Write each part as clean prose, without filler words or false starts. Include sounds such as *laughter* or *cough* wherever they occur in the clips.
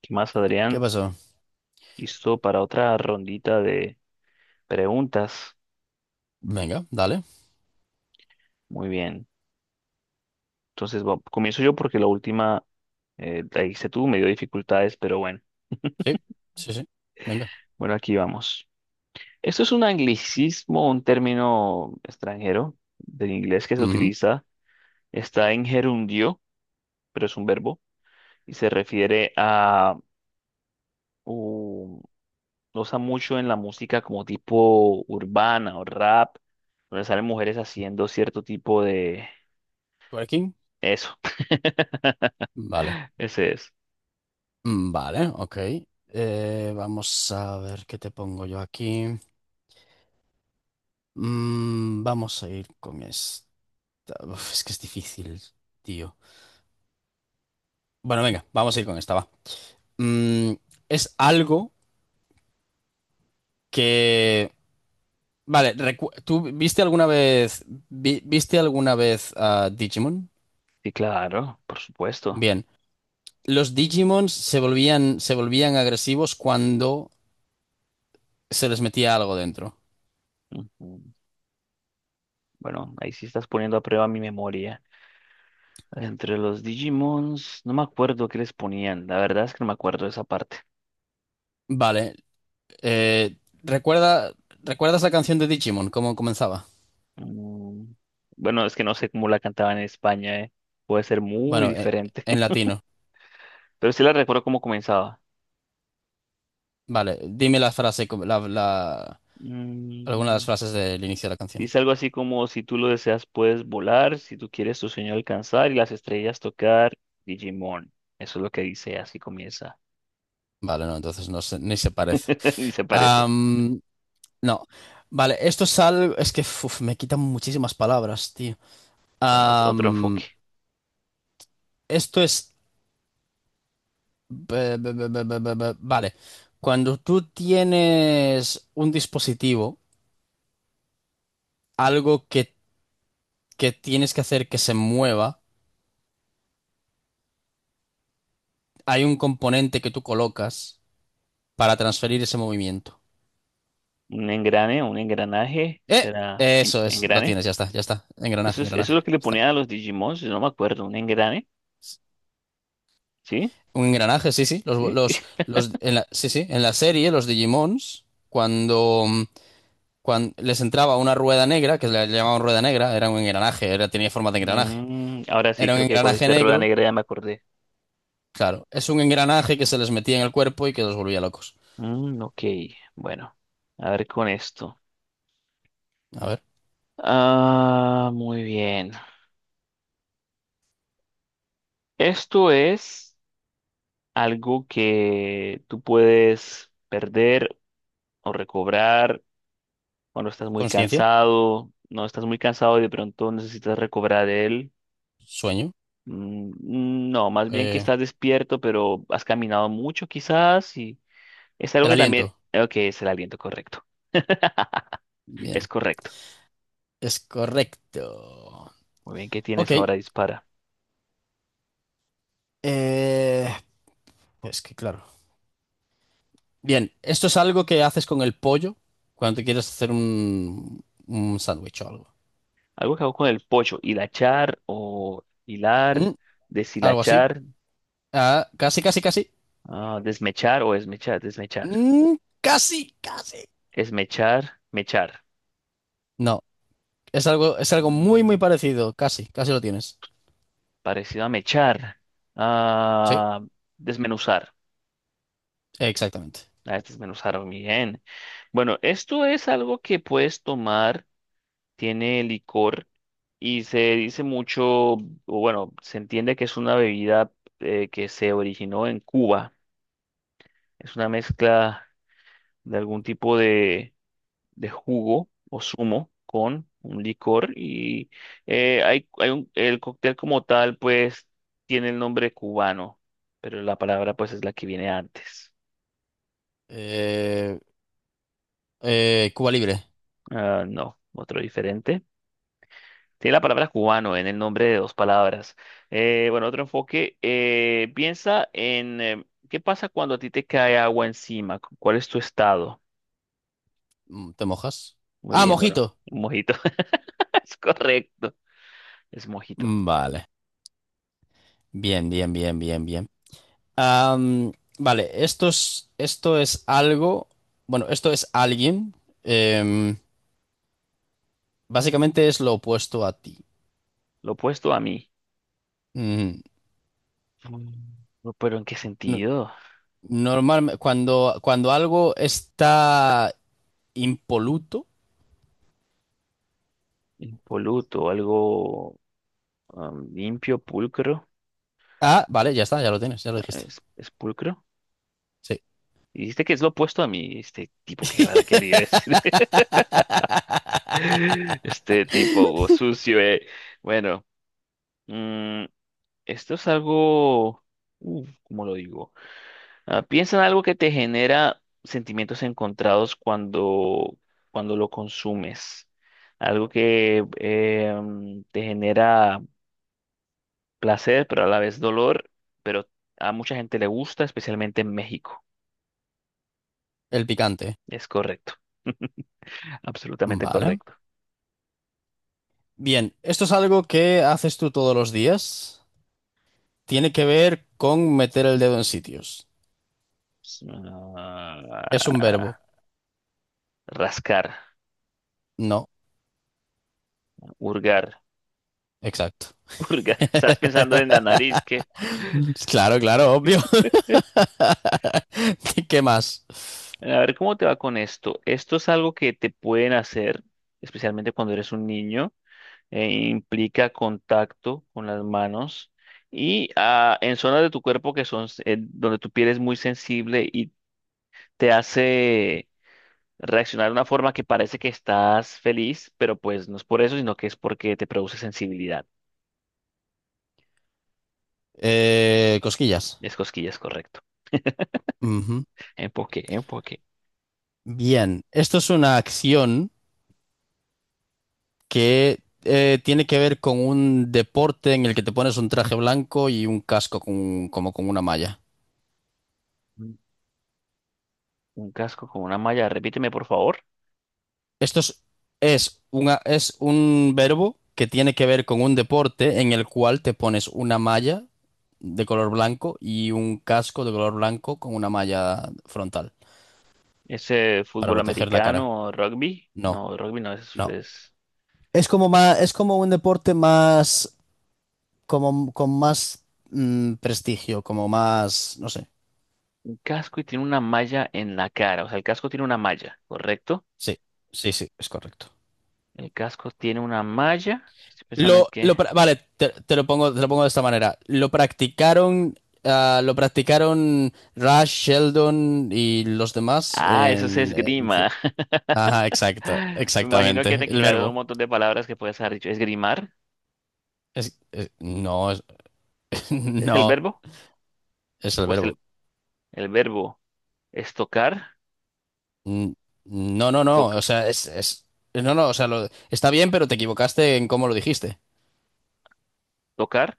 ¿Qué más, ¿Qué Adrián? pasó? Listo para otra rondita de preguntas. Venga, dale. Muy bien. Entonces, comienzo yo porque la última la hice tú, me dio dificultades, pero bueno. Sí, sí, sí. Venga. Bueno, aquí vamos. Esto es un anglicismo, un término extranjero del inglés que se Ujú. utiliza. Está en gerundio, pero es un verbo y se refiere a un- lo usa mucho en la música como tipo urbana o rap, donde salen mujeres haciendo cierto tipo de… Twerking. Eso. Vale. *laughs* Ese es. Vale, ok. Vamos a ver qué te pongo yo aquí. Vamos a ir con esta. Uf, es que es difícil, tío. Bueno, venga, vamos a ir con esta, va. Mm, es algo que... Vale, ¿tú viste alguna vez... ¿viste alguna vez a Digimon? Sí, claro, por supuesto. Bien. Los Digimons se volvían agresivos cuando se les metía algo dentro. Ujú. Bueno, ahí sí estás poniendo a prueba mi memoria. Entre los Digimons, no me acuerdo qué les ponían. La verdad es que no me acuerdo de esa parte. Vale. eh, ¿recuerda, ¿recuerdas la canción de Digimon? ¿Cómo comenzaba? Mm, Bueno, es que no sé cómo la cantaban en España, ¿eh? Puede ser muy Bueno, diferente. en *laughs* latino. Pero sí la recuerdo cómo comenzaba. Vale. Dime la frase, alguna de las Mm, frases del inicio de la canción. Dice algo así como, si tú lo deseas, puedes volar, si tú quieres tu sueño alcanzar y las estrellas tocar, Digimon. Eso es lo que dice, así comienza. Vale, no, entonces ni se parece. *laughs* Y se parece. Am, no. Vale, esto es algo. Es que uf, me quitan muchísimas palabras, tío. Bueno, otro Am, enfoque. esto es. Vale. Cuando tú tienes un dispositivo, algo que tienes que hacer que se mueva, hay un componente que tú colocas para transferir ese movimiento. Un engrane, un engranaje, ¡Eh! será Eso es, lo engrane. tienes, ya está, ya está. Engranaje, Eso es engranaje. lo que le Está ponían bien. a los Digimon, si no me acuerdo, un engrane, ¿sí? Un engranaje, sí, sí. Los, ¿Sí? los, *laughs* los, en la, sí, sí. En la serie, los Digimons, cuando les entraba una rueda negra, que le llamaban rueda negra, era un engranaje, era, tenía forma de engranaje. Mm, ahora sí, Era un creo que con engranaje este rueda negro, negra ya me acordé. claro. Es un engranaje que se les metía en el cuerpo y que los volvía locos. Mm, ok, bueno, a ver con esto. A ver, Ah, muy bien. Esto es algo que tú puedes perder o recobrar cuando estás muy conciencia, cansado, no estás muy cansado y de pronto necesitas recobrar de él. sueño, No, más bien que eh, estás despierto, pero has caminado mucho quizás y es algo el que también, aliento. ok, es el aliento correcto, es Bien, correcto. es correcto. Muy bien, ¿qué Ok, tienes ahora? Dispara. eh, pues que claro. Bien, esto es algo que haces con el pollo cuando te quieres hacer un sándwich o algo. Algo que hago con el pocho, hilachar o hilar, Mm, Algo así. deshilachar, Ah, casi, casi, casi. ah, desmechar o esmechar, desmechar, Mm, casi, casi. esmechar, mechar. No, es algo muy, muy Mm, parecido. Casi, casi lo tienes. Parecido a mechar, Sí, a desmenuzar, exactamente. a desmenuzar bien. Bueno, esto es algo que puedes tomar, tiene licor y se dice mucho, o bueno, se entiende que es una bebida que se originó en Cuba. Es una mezcla de algún tipo de jugo o zumo con un licor y hay el cóctel como tal pues tiene el nombre cubano, pero la palabra pues es la que viene antes. Eh, Cuba Libre. Ah, no, otro diferente. Tiene la palabra cubano en el nombre de dos palabras. Bueno, otro enfoque. Piensa en qué pasa cuando a ti te cae agua encima. ¿Cuál es tu estado? ¿Te mojas? Muy Ah, bien, bueno, mojito. un mojito. *laughs* Es correcto. Es mojito. Vale. Bien, bien, bien, bien, bien. Am, vale, esto es algo, bueno, esto es alguien, em, básicamente es lo opuesto a ti. Lo opuesto a mí. Mm, Mm, no, pero ¿en qué no- sentido? normal, cuando algo está impoluto, Impoluto, algo am, limpio, pulcro. ah, vale, ya está, ya lo tienes, ya lo Ah, dijiste. ¿es, es pulcro? Sí. Dijiste que es lo opuesto a mí, este tipo que ahora quería decir. *laughs* *laughs* Este tipo o sucio, eh. Bueno, mm, esto es algo, ¿cómo lo digo? Ah, piensa en algo que te genera sentimientos encontrados cuando, cuando lo consumes. Algo que te genera placer, pero a la vez dolor, pero a mucha gente le gusta, especialmente en México. El picante. Es correcto, *laughs* absolutamente Vale. correcto. Bien, esto es algo que haces tú todos los días. Tiene que ver con meter el dedo en sitios. S- Es un ah, verbo. rascar, No, hurgar, exacto. *laughs* hurgar. Estabas pensando en la *laughs* nariz, que… Claro, claro, obvio. *laughs* ¿Qué más? A ver, ¿cómo te va con esto? Esto es algo que te pueden hacer, especialmente cuando eres un niño, e implica contacto con las manos y en zonas de tu cuerpo que son, donde tu piel es muy sensible y te hace reaccionar de una forma que parece que estás feliz, pero pues no es por eso, sino que es porque te produce sensibilidad. Cosquillas. Es cosquillas, correcto. Ujú. Enfoque, enfoque. Bien, esto es una acción que tiene que ver con un deporte en el que te pones un traje blanco y un casco como con una malla. Un un casco con una malla. Repíteme, por favor. Esto es, es un verbo que tiene que ver con un deporte en el cual te pones una malla de color blanco y un casco de color blanco con una malla frontal ¿Es para fútbol proteger la cara. americano o rugby? No, No, rugby no es, no. es Es como más, es como un deporte más, como con más prestigio, como más, no sé. un casco y tiene una malla en la cara. O sea, el casco tiene una malla, ¿correcto? Sí, sí, sí, es correcto. El casco tiene una malla. Estoy pensando en qué. Vale, te lo pongo de esta manera. Lo practicaron, ah, lo practicaron Rush, Sheldon y los demás Ah, eso es en, esgrima. Ajá, exacto, *laughs* Me imagino que exactamente. te El quitaron un verbo. montón de palabras que puedes haber dicho. ¿Esgrimar? No, *laughs* ¿Es el no, verbo? es el Pues verbo. el verbo es tocar, Mm, No, no, no. O toc- sea, es... No, no, o sea, está bien, pero te equivocaste en cómo lo dijiste. tocar,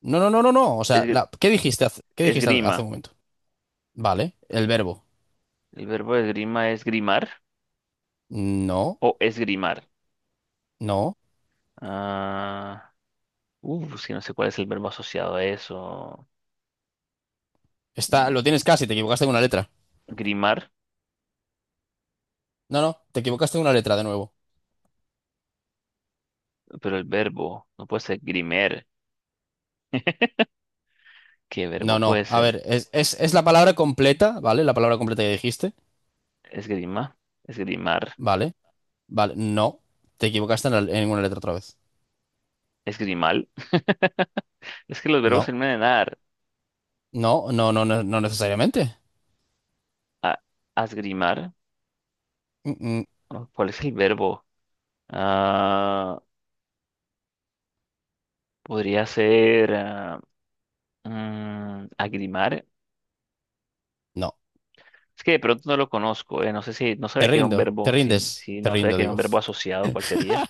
No, no, no, no, no. O sea, es, qué dijiste esgrima. hace un momento? Vale, el verbo. El verbo esgrima es grimar No, o esgrimar. no. Ah, si no sé cuál es el verbo asociado a eso. Está, Ah, lo tienes casi, te equivocaste en una letra. grimar, No, no, te equivocaste en una letra de nuevo. pero el verbo no puede ser grimer. ¿Qué verbo No, puede no. A ser? ver, es la palabra completa, ¿vale? La palabra completa que dijiste. Esgrima, esgrimar, Vale, vale. No, te equivocaste en, en una letra otra vez. esgrimal. *laughs* Es que los verbos No, terminan en ar. no, no, no, no, no necesariamente. A, asgrimar. Mm, mm, Oh, ¿cuál es el verbo? Ah, podría ser. Agrimar. no. Es que de pronto no lo conozco. No sé si, no sabía que era un verbo, si, si Te no sabía rindo, que era un digo. verbo asociado, ¿cuál sería?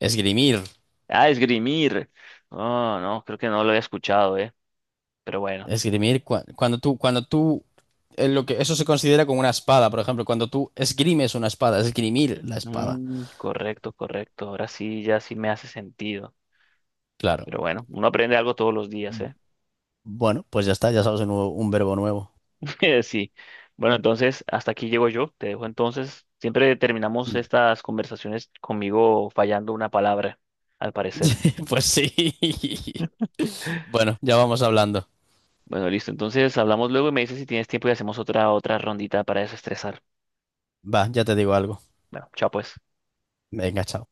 Esgrimir. Ah, esgrimir. Oh, no, creo que no lo había escuchado, eh. Pero bueno. Esgrimir, cuando tú, lo que, eso se considera como una espada, por ejemplo, cuando tú esgrimes una espada, esgrimir la espada. Mm, correcto, correcto. Ahora sí, ya sí me hace sentido. Claro. Pero bueno, uno aprende algo todos los días, eh. Bueno, pues ya está, ya sabes un, un verbo nuevo. *laughs* Sí. Bueno, entonces, hasta aquí llego yo. Te dejo entonces. Siempre terminamos estas conversaciones conmigo fallando una palabra, al parecer. *laughs* Pues sí. Bueno, ya vamos hablando. Bueno, listo. Entonces hablamos luego y me dices si tienes tiempo y hacemos otra, otra rondita para desestresar. Va, ya te digo algo. Bueno, chao pues. Venga, chao.